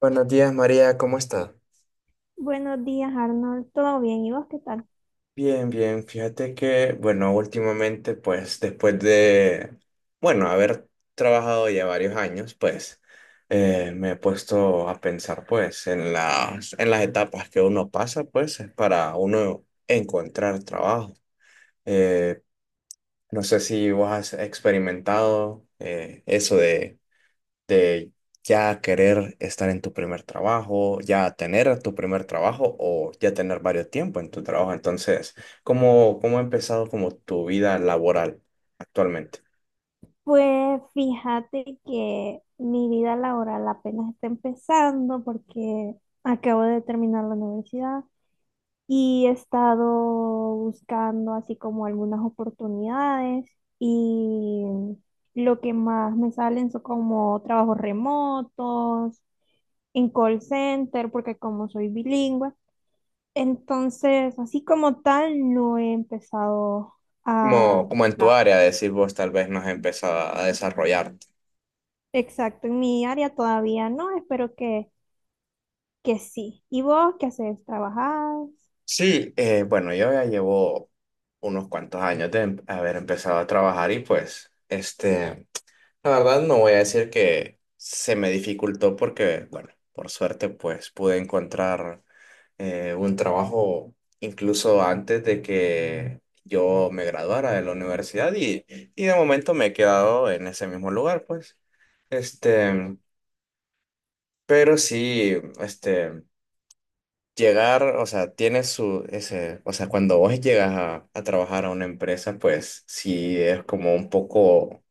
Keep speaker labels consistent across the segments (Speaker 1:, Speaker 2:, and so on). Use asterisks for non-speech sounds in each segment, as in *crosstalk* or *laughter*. Speaker 1: Buenos días, María, ¿cómo estás?
Speaker 2: Buenos días, Arnold. ¿Todo bien? ¿Y vos qué tal?
Speaker 1: Bien, bien, fíjate que, bueno, últimamente, pues después de, bueno, haber trabajado ya varios años, pues me he puesto a pensar, pues, en las etapas que uno pasa, pues, para uno encontrar trabajo. Eh, no sé si vos has experimentado eso de ya querer estar en tu primer trabajo, ya tener tu primer trabajo o ya tener varios tiempo en tu trabajo. Entonces, ¿cómo ha empezado como tu vida laboral actualmente?
Speaker 2: Pues fíjate que mi vida laboral apenas está empezando porque acabo de terminar la universidad y he estado buscando así como algunas oportunidades y lo que más me salen son como trabajos remotos, en call center, porque como soy bilingüe, entonces así como tal no he empezado a.
Speaker 1: Como en tu área, decir vos tal vez no has empezado a desarrollarte.
Speaker 2: Exacto, en mi área todavía no, espero que sí. ¿Y vos qué haces? ¿Trabajás?
Speaker 1: Sí, bueno, yo ya llevo unos cuantos años de haber empezado a trabajar y pues, la verdad no voy a decir que se me dificultó porque, bueno, por suerte pues pude encontrar un trabajo incluso antes de que yo me graduara de la universidad y de momento me he quedado en ese mismo lugar pues. Este, pero sí, llegar, o sea, tiene su, ese, o sea, cuando vos llegas a trabajar a una empresa pues sí es como un poco.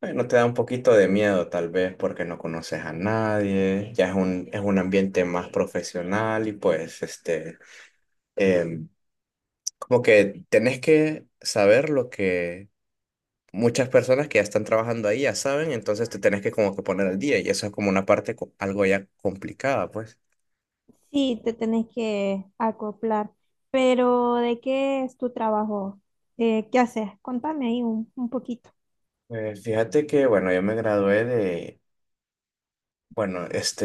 Speaker 1: Bueno, te da un poquito de miedo tal vez porque no conoces a nadie, ya es es un ambiente más profesional y pues em, como que tenés que saber lo que muchas personas que ya están trabajando ahí ya saben, entonces te tenés que como que poner al día y eso es como una parte algo ya complicada, pues.
Speaker 2: Sí, te tenés que acoplar, pero ¿de qué es tu trabajo? ¿Qué haces? Contame ahí un poquito.
Speaker 1: Fíjate que, bueno, yo me gradué de, bueno,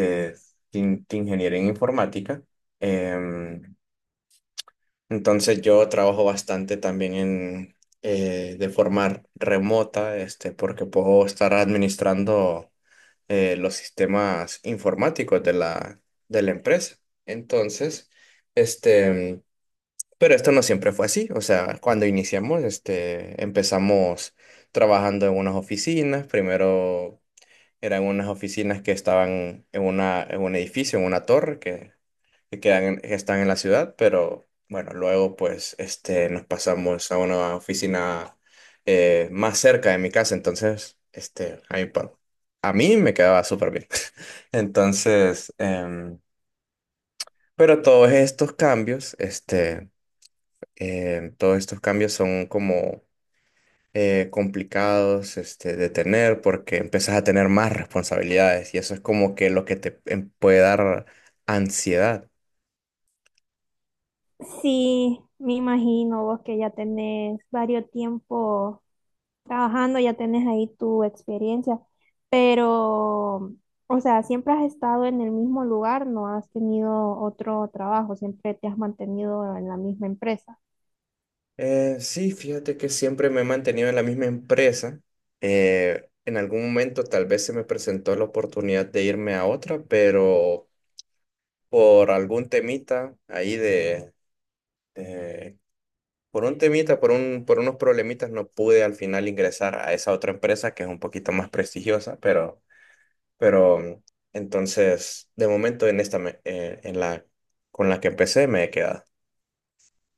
Speaker 1: de de ingeniería en informática. Entonces yo trabajo bastante también en, de forma remota, porque puedo estar administrando los sistemas informáticos de de la empresa. Entonces, este, pero esto no siempre fue así. O sea, cuando iniciamos, empezamos trabajando en unas oficinas. Primero eran unas oficinas que estaban en en un edificio, en una torre, que quedan que están en la ciudad, pero bueno, luego pues nos pasamos a una oficina, más cerca de mi casa, entonces a mí, a mí me quedaba súper bien. *laughs* Entonces, pero todos estos cambios, todos estos cambios son como complicados, de tener porque empiezas a tener más responsabilidades y eso es como que lo que te puede dar ansiedad.
Speaker 2: Sí, me imagino vos que ya tenés varios tiempo trabajando, ya tenés ahí tu experiencia, pero, o sea, siempre has estado en el mismo lugar, no has tenido otro trabajo, siempre te has mantenido en la misma empresa.
Speaker 1: Sí, fíjate que siempre me he mantenido en la misma empresa. En algún momento tal vez se me presentó la oportunidad de irme a otra, pero por algún temita ahí de, por un temita, por por unos problemitas no pude al final ingresar a esa otra empresa que es un poquito más prestigiosa, pero entonces de momento en esta, con la que empecé me he quedado.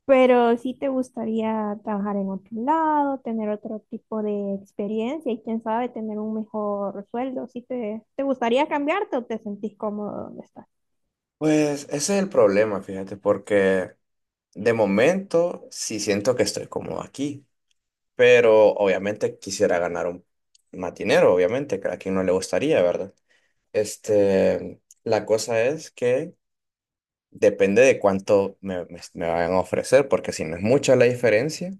Speaker 2: Pero sí te gustaría trabajar en otro lado, tener otro tipo de experiencia y quién sabe, tener un mejor sueldo. ¿Sí te gustaría cambiarte o te sentís cómodo donde estás?
Speaker 1: Pues ese es el problema, fíjate, porque de momento, sí siento que estoy cómodo aquí, pero obviamente quisiera más dinero, obviamente, que a quien no le gustaría, ¿verdad? La cosa es que depende de cuánto me vayan a ofrecer, porque si no es mucha la diferencia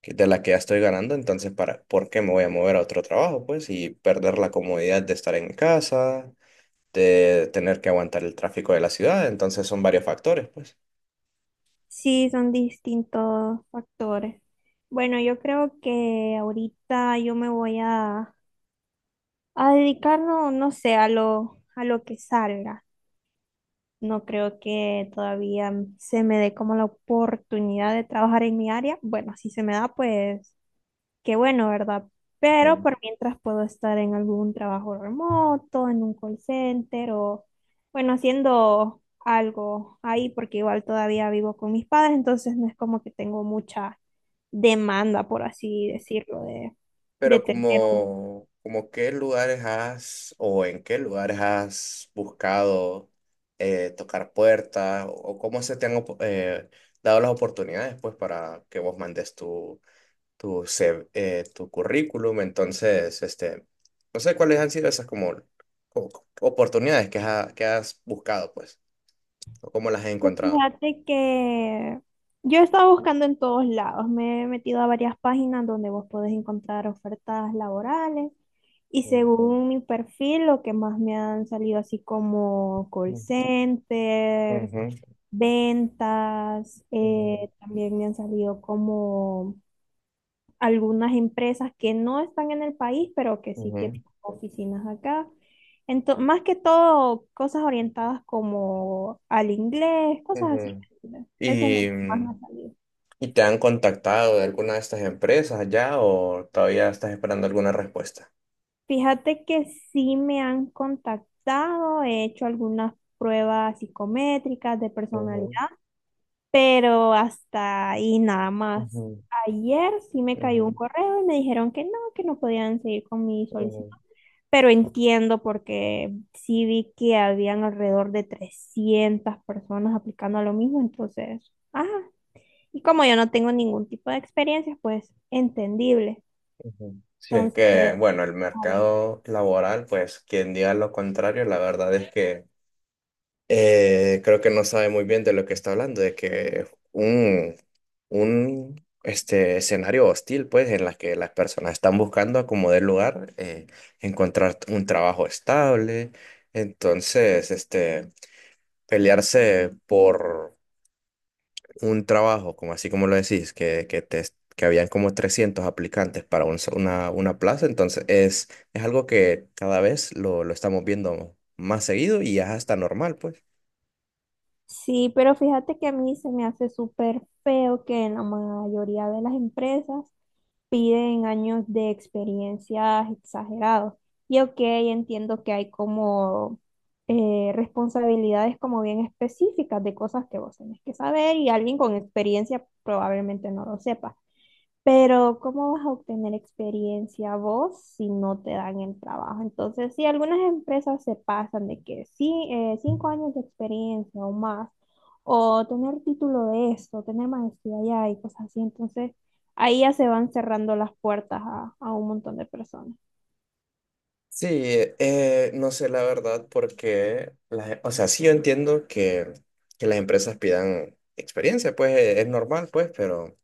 Speaker 1: de la que ya estoy ganando, entonces, ¿por qué me voy a mover a otro trabajo, pues? Y perder la comodidad de estar en mi casa, de tener que aguantar el tráfico de la ciudad, entonces son varios factores, pues.
Speaker 2: Sí, son distintos factores. Bueno, yo creo que ahorita yo me voy a dedicar, no, no sé, a lo que salga. No creo que todavía se me dé como la oportunidad de trabajar en mi área. Bueno, si se me da, pues qué bueno, ¿verdad? Pero por mientras puedo estar en algún trabajo remoto, en un call center o, bueno, haciendo algo ahí, porque igual todavía vivo con mis padres, entonces no es como que tengo mucha demanda, por así decirlo, de
Speaker 1: Pero
Speaker 2: tener un...
Speaker 1: como qué lugares has o en qué lugares has buscado, tocar puertas o cómo se te han dado las oportunidades pues para que vos mandes CV, tu currículum. Entonces, no sé cuáles han sido esas como, como oportunidades que has buscado pues o cómo las has
Speaker 2: Pues
Speaker 1: encontrado.
Speaker 2: fíjate que yo he estado buscando en todos lados, me he metido a varias páginas donde vos podés encontrar ofertas laborales y
Speaker 1: Mm,
Speaker 2: según mi perfil lo que más me han salido así como call
Speaker 1: mm,
Speaker 2: centers,
Speaker 1: ujú,
Speaker 2: ventas,
Speaker 1: ujú,
Speaker 2: también me han salido como algunas empresas que no están en el país, pero que sí que
Speaker 1: ujú,
Speaker 2: tienen oficinas acá. Más que todo, cosas orientadas como al inglés, cosas así.
Speaker 1: ujú.
Speaker 2: Eso es lo que
Speaker 1: Y
Speaker 2: más me ha salido.
Speaker 1: ¿Y ¿te han contactado de alguna de estas empresas ya o todavía estás esperando alguna respuesta?
Speaker 2: Fíjate que sí me han contactado, he hecho algunas pruebas psicométricas de personalidad,
Speaker 1: Ujú,
Speaker 2: pero hasta ahí nada más.
Speaker 1: ujú,
Speaker 2: Ayer sí me cayó un
Speaker 1: ujú,
Speaker 2: correo y me dijeron que no podían seguir con mi solicitud.
Speaker 1: ujú,
Speaker 2: Pero entiendo porque sí vi que habían alrededor de 300 personas aplicando a lo mismo, entonces, ajá. Y como yo no tengo ningún tipo de experiencia, pues entendible.
Speaker 1: ujú. Sí, es que,
Speaker 2: Entonces,
Speaker 1: bueno, el
Speaker 2: a ver.
Speaker 1: mercado laboral, pues quien diga lo contrario, la verdad es que, creo que no sabe muy bien de lo que está hablando, de que un, un escenario hostil, pues, en la que las personas están buscando acomodar lugar, encontrar un trabajo estable. Entonces, pelearse por un trabajo, como así como lo decís, que habían como 300 aplicantes para una plaza, entonces es algo que cada vez lo estamos viendo más seguido y ya está normal, pues.
Speaker 2: Sí, pero fíjate que a mí se me hace súper feo que en la mayoría de las empresas piden años de experiencias exagerados. Y ok, entiendo que hay como responsabilidades como bien específicas de cosas que vos tenés que saber y alguien con experiencia probablemente no lo sepa. Pero ¿cómo vas a obtener experiencia vos si no te dan el trabajo? Entonces, sí, algunas empresas se pasan de que sí, 5 años de experiencia o más, o tener título de esto, tener maestría allá y cosas así. Entonces, ahí ya se van cerrando las puertas a un montón de personas.
Speaker 1: Sí, no sé la verdad porque, o sea, sí yo entiendo que las empresas pidan experiencia, pues es normal, pues, pero,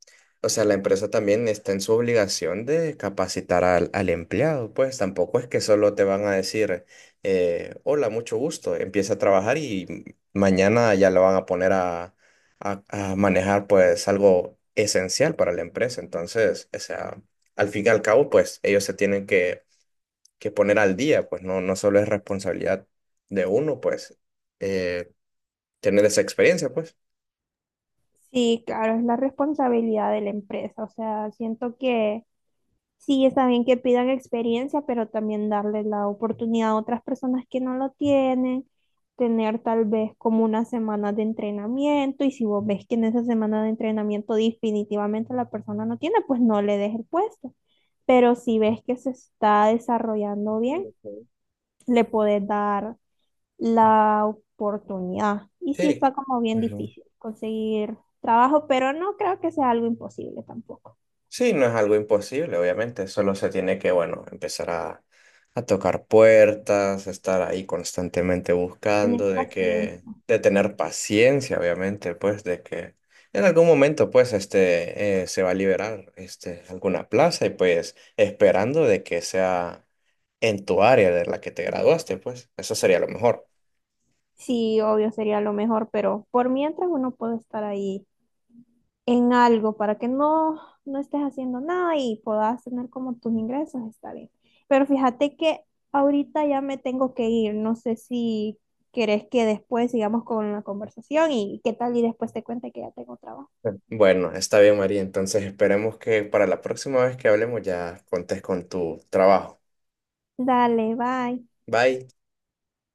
Speaker 1: o sea, la empresa también está en su obligación de capacitar al empleado, pues tampoco es que solo te van a decir, hola, mucho gusto, empieza a trabajar y mañana ya lo van a poner a manejar, pues, algo esencial para la empresa. Entonces, o sea, al fin y al cabo, pues, ellos se tienen que poner al día, pues no, no solo es responsabilidad de uno, pues, eh, tener esa experiencia, pues.
Speaker 2: Sí, claro, es la responsabilidad de la empresa. O sea, siento que sí, está bien que pidan experiencia, pero también darle la oportunidad a otras personas que no lo tienen, tener tal vez como una semana de entrenamiento y si vos ves que en esa semana de entrenamiento definitivamente la persona no tiene, pues no le des el puesto. Pero si ves que se está desarrollando bien,
Speaker 1: Ok.
Speaker 2: le podés dar la oportunidad. Y sí
Speaker 1: Sí.
Speaker 2: está como bien
Speaker 1: Ujú.
Speaker 2: difícil conseguir trabajo, pero no creo que sea algo imposible tampoco.
Speaker 1: Sí, no es algo imposible, obviamente. Solo se tiene que, bueno, empezar a tocar puertas, estar ahí constantemente
Speaker 2: Tenés
Speaker 1: buscando, de que,
Speaker 2: paciencia.
Speaker 1: de tener paciencia, obviamente, pues, de que en algún momento, pues, se va a liberar, alguna plaza y, pues, esperando de que sea en tu área de la que te graduaste, pues, eso sería lo mejor.
Speaker 2: Sí, obvio sería lo mejor, pero por mientras uno puede estar ahí en algo para que no, no estés haciendo nada y puedas tener como tus ingresos, está bien. Pero fíjate que ahorita ya me tengo que ir, no sé si querés que después sigamos con la conversación y qué tal y después te cuente que ya tengo trabajo.
Speaker 1: Bueno, está bien, María. Entonces esperemos que para la próxima vez que hablemos ya contes con tu trabajo.
Speaker 2: Dale, bye.
Speaker 1: Bye.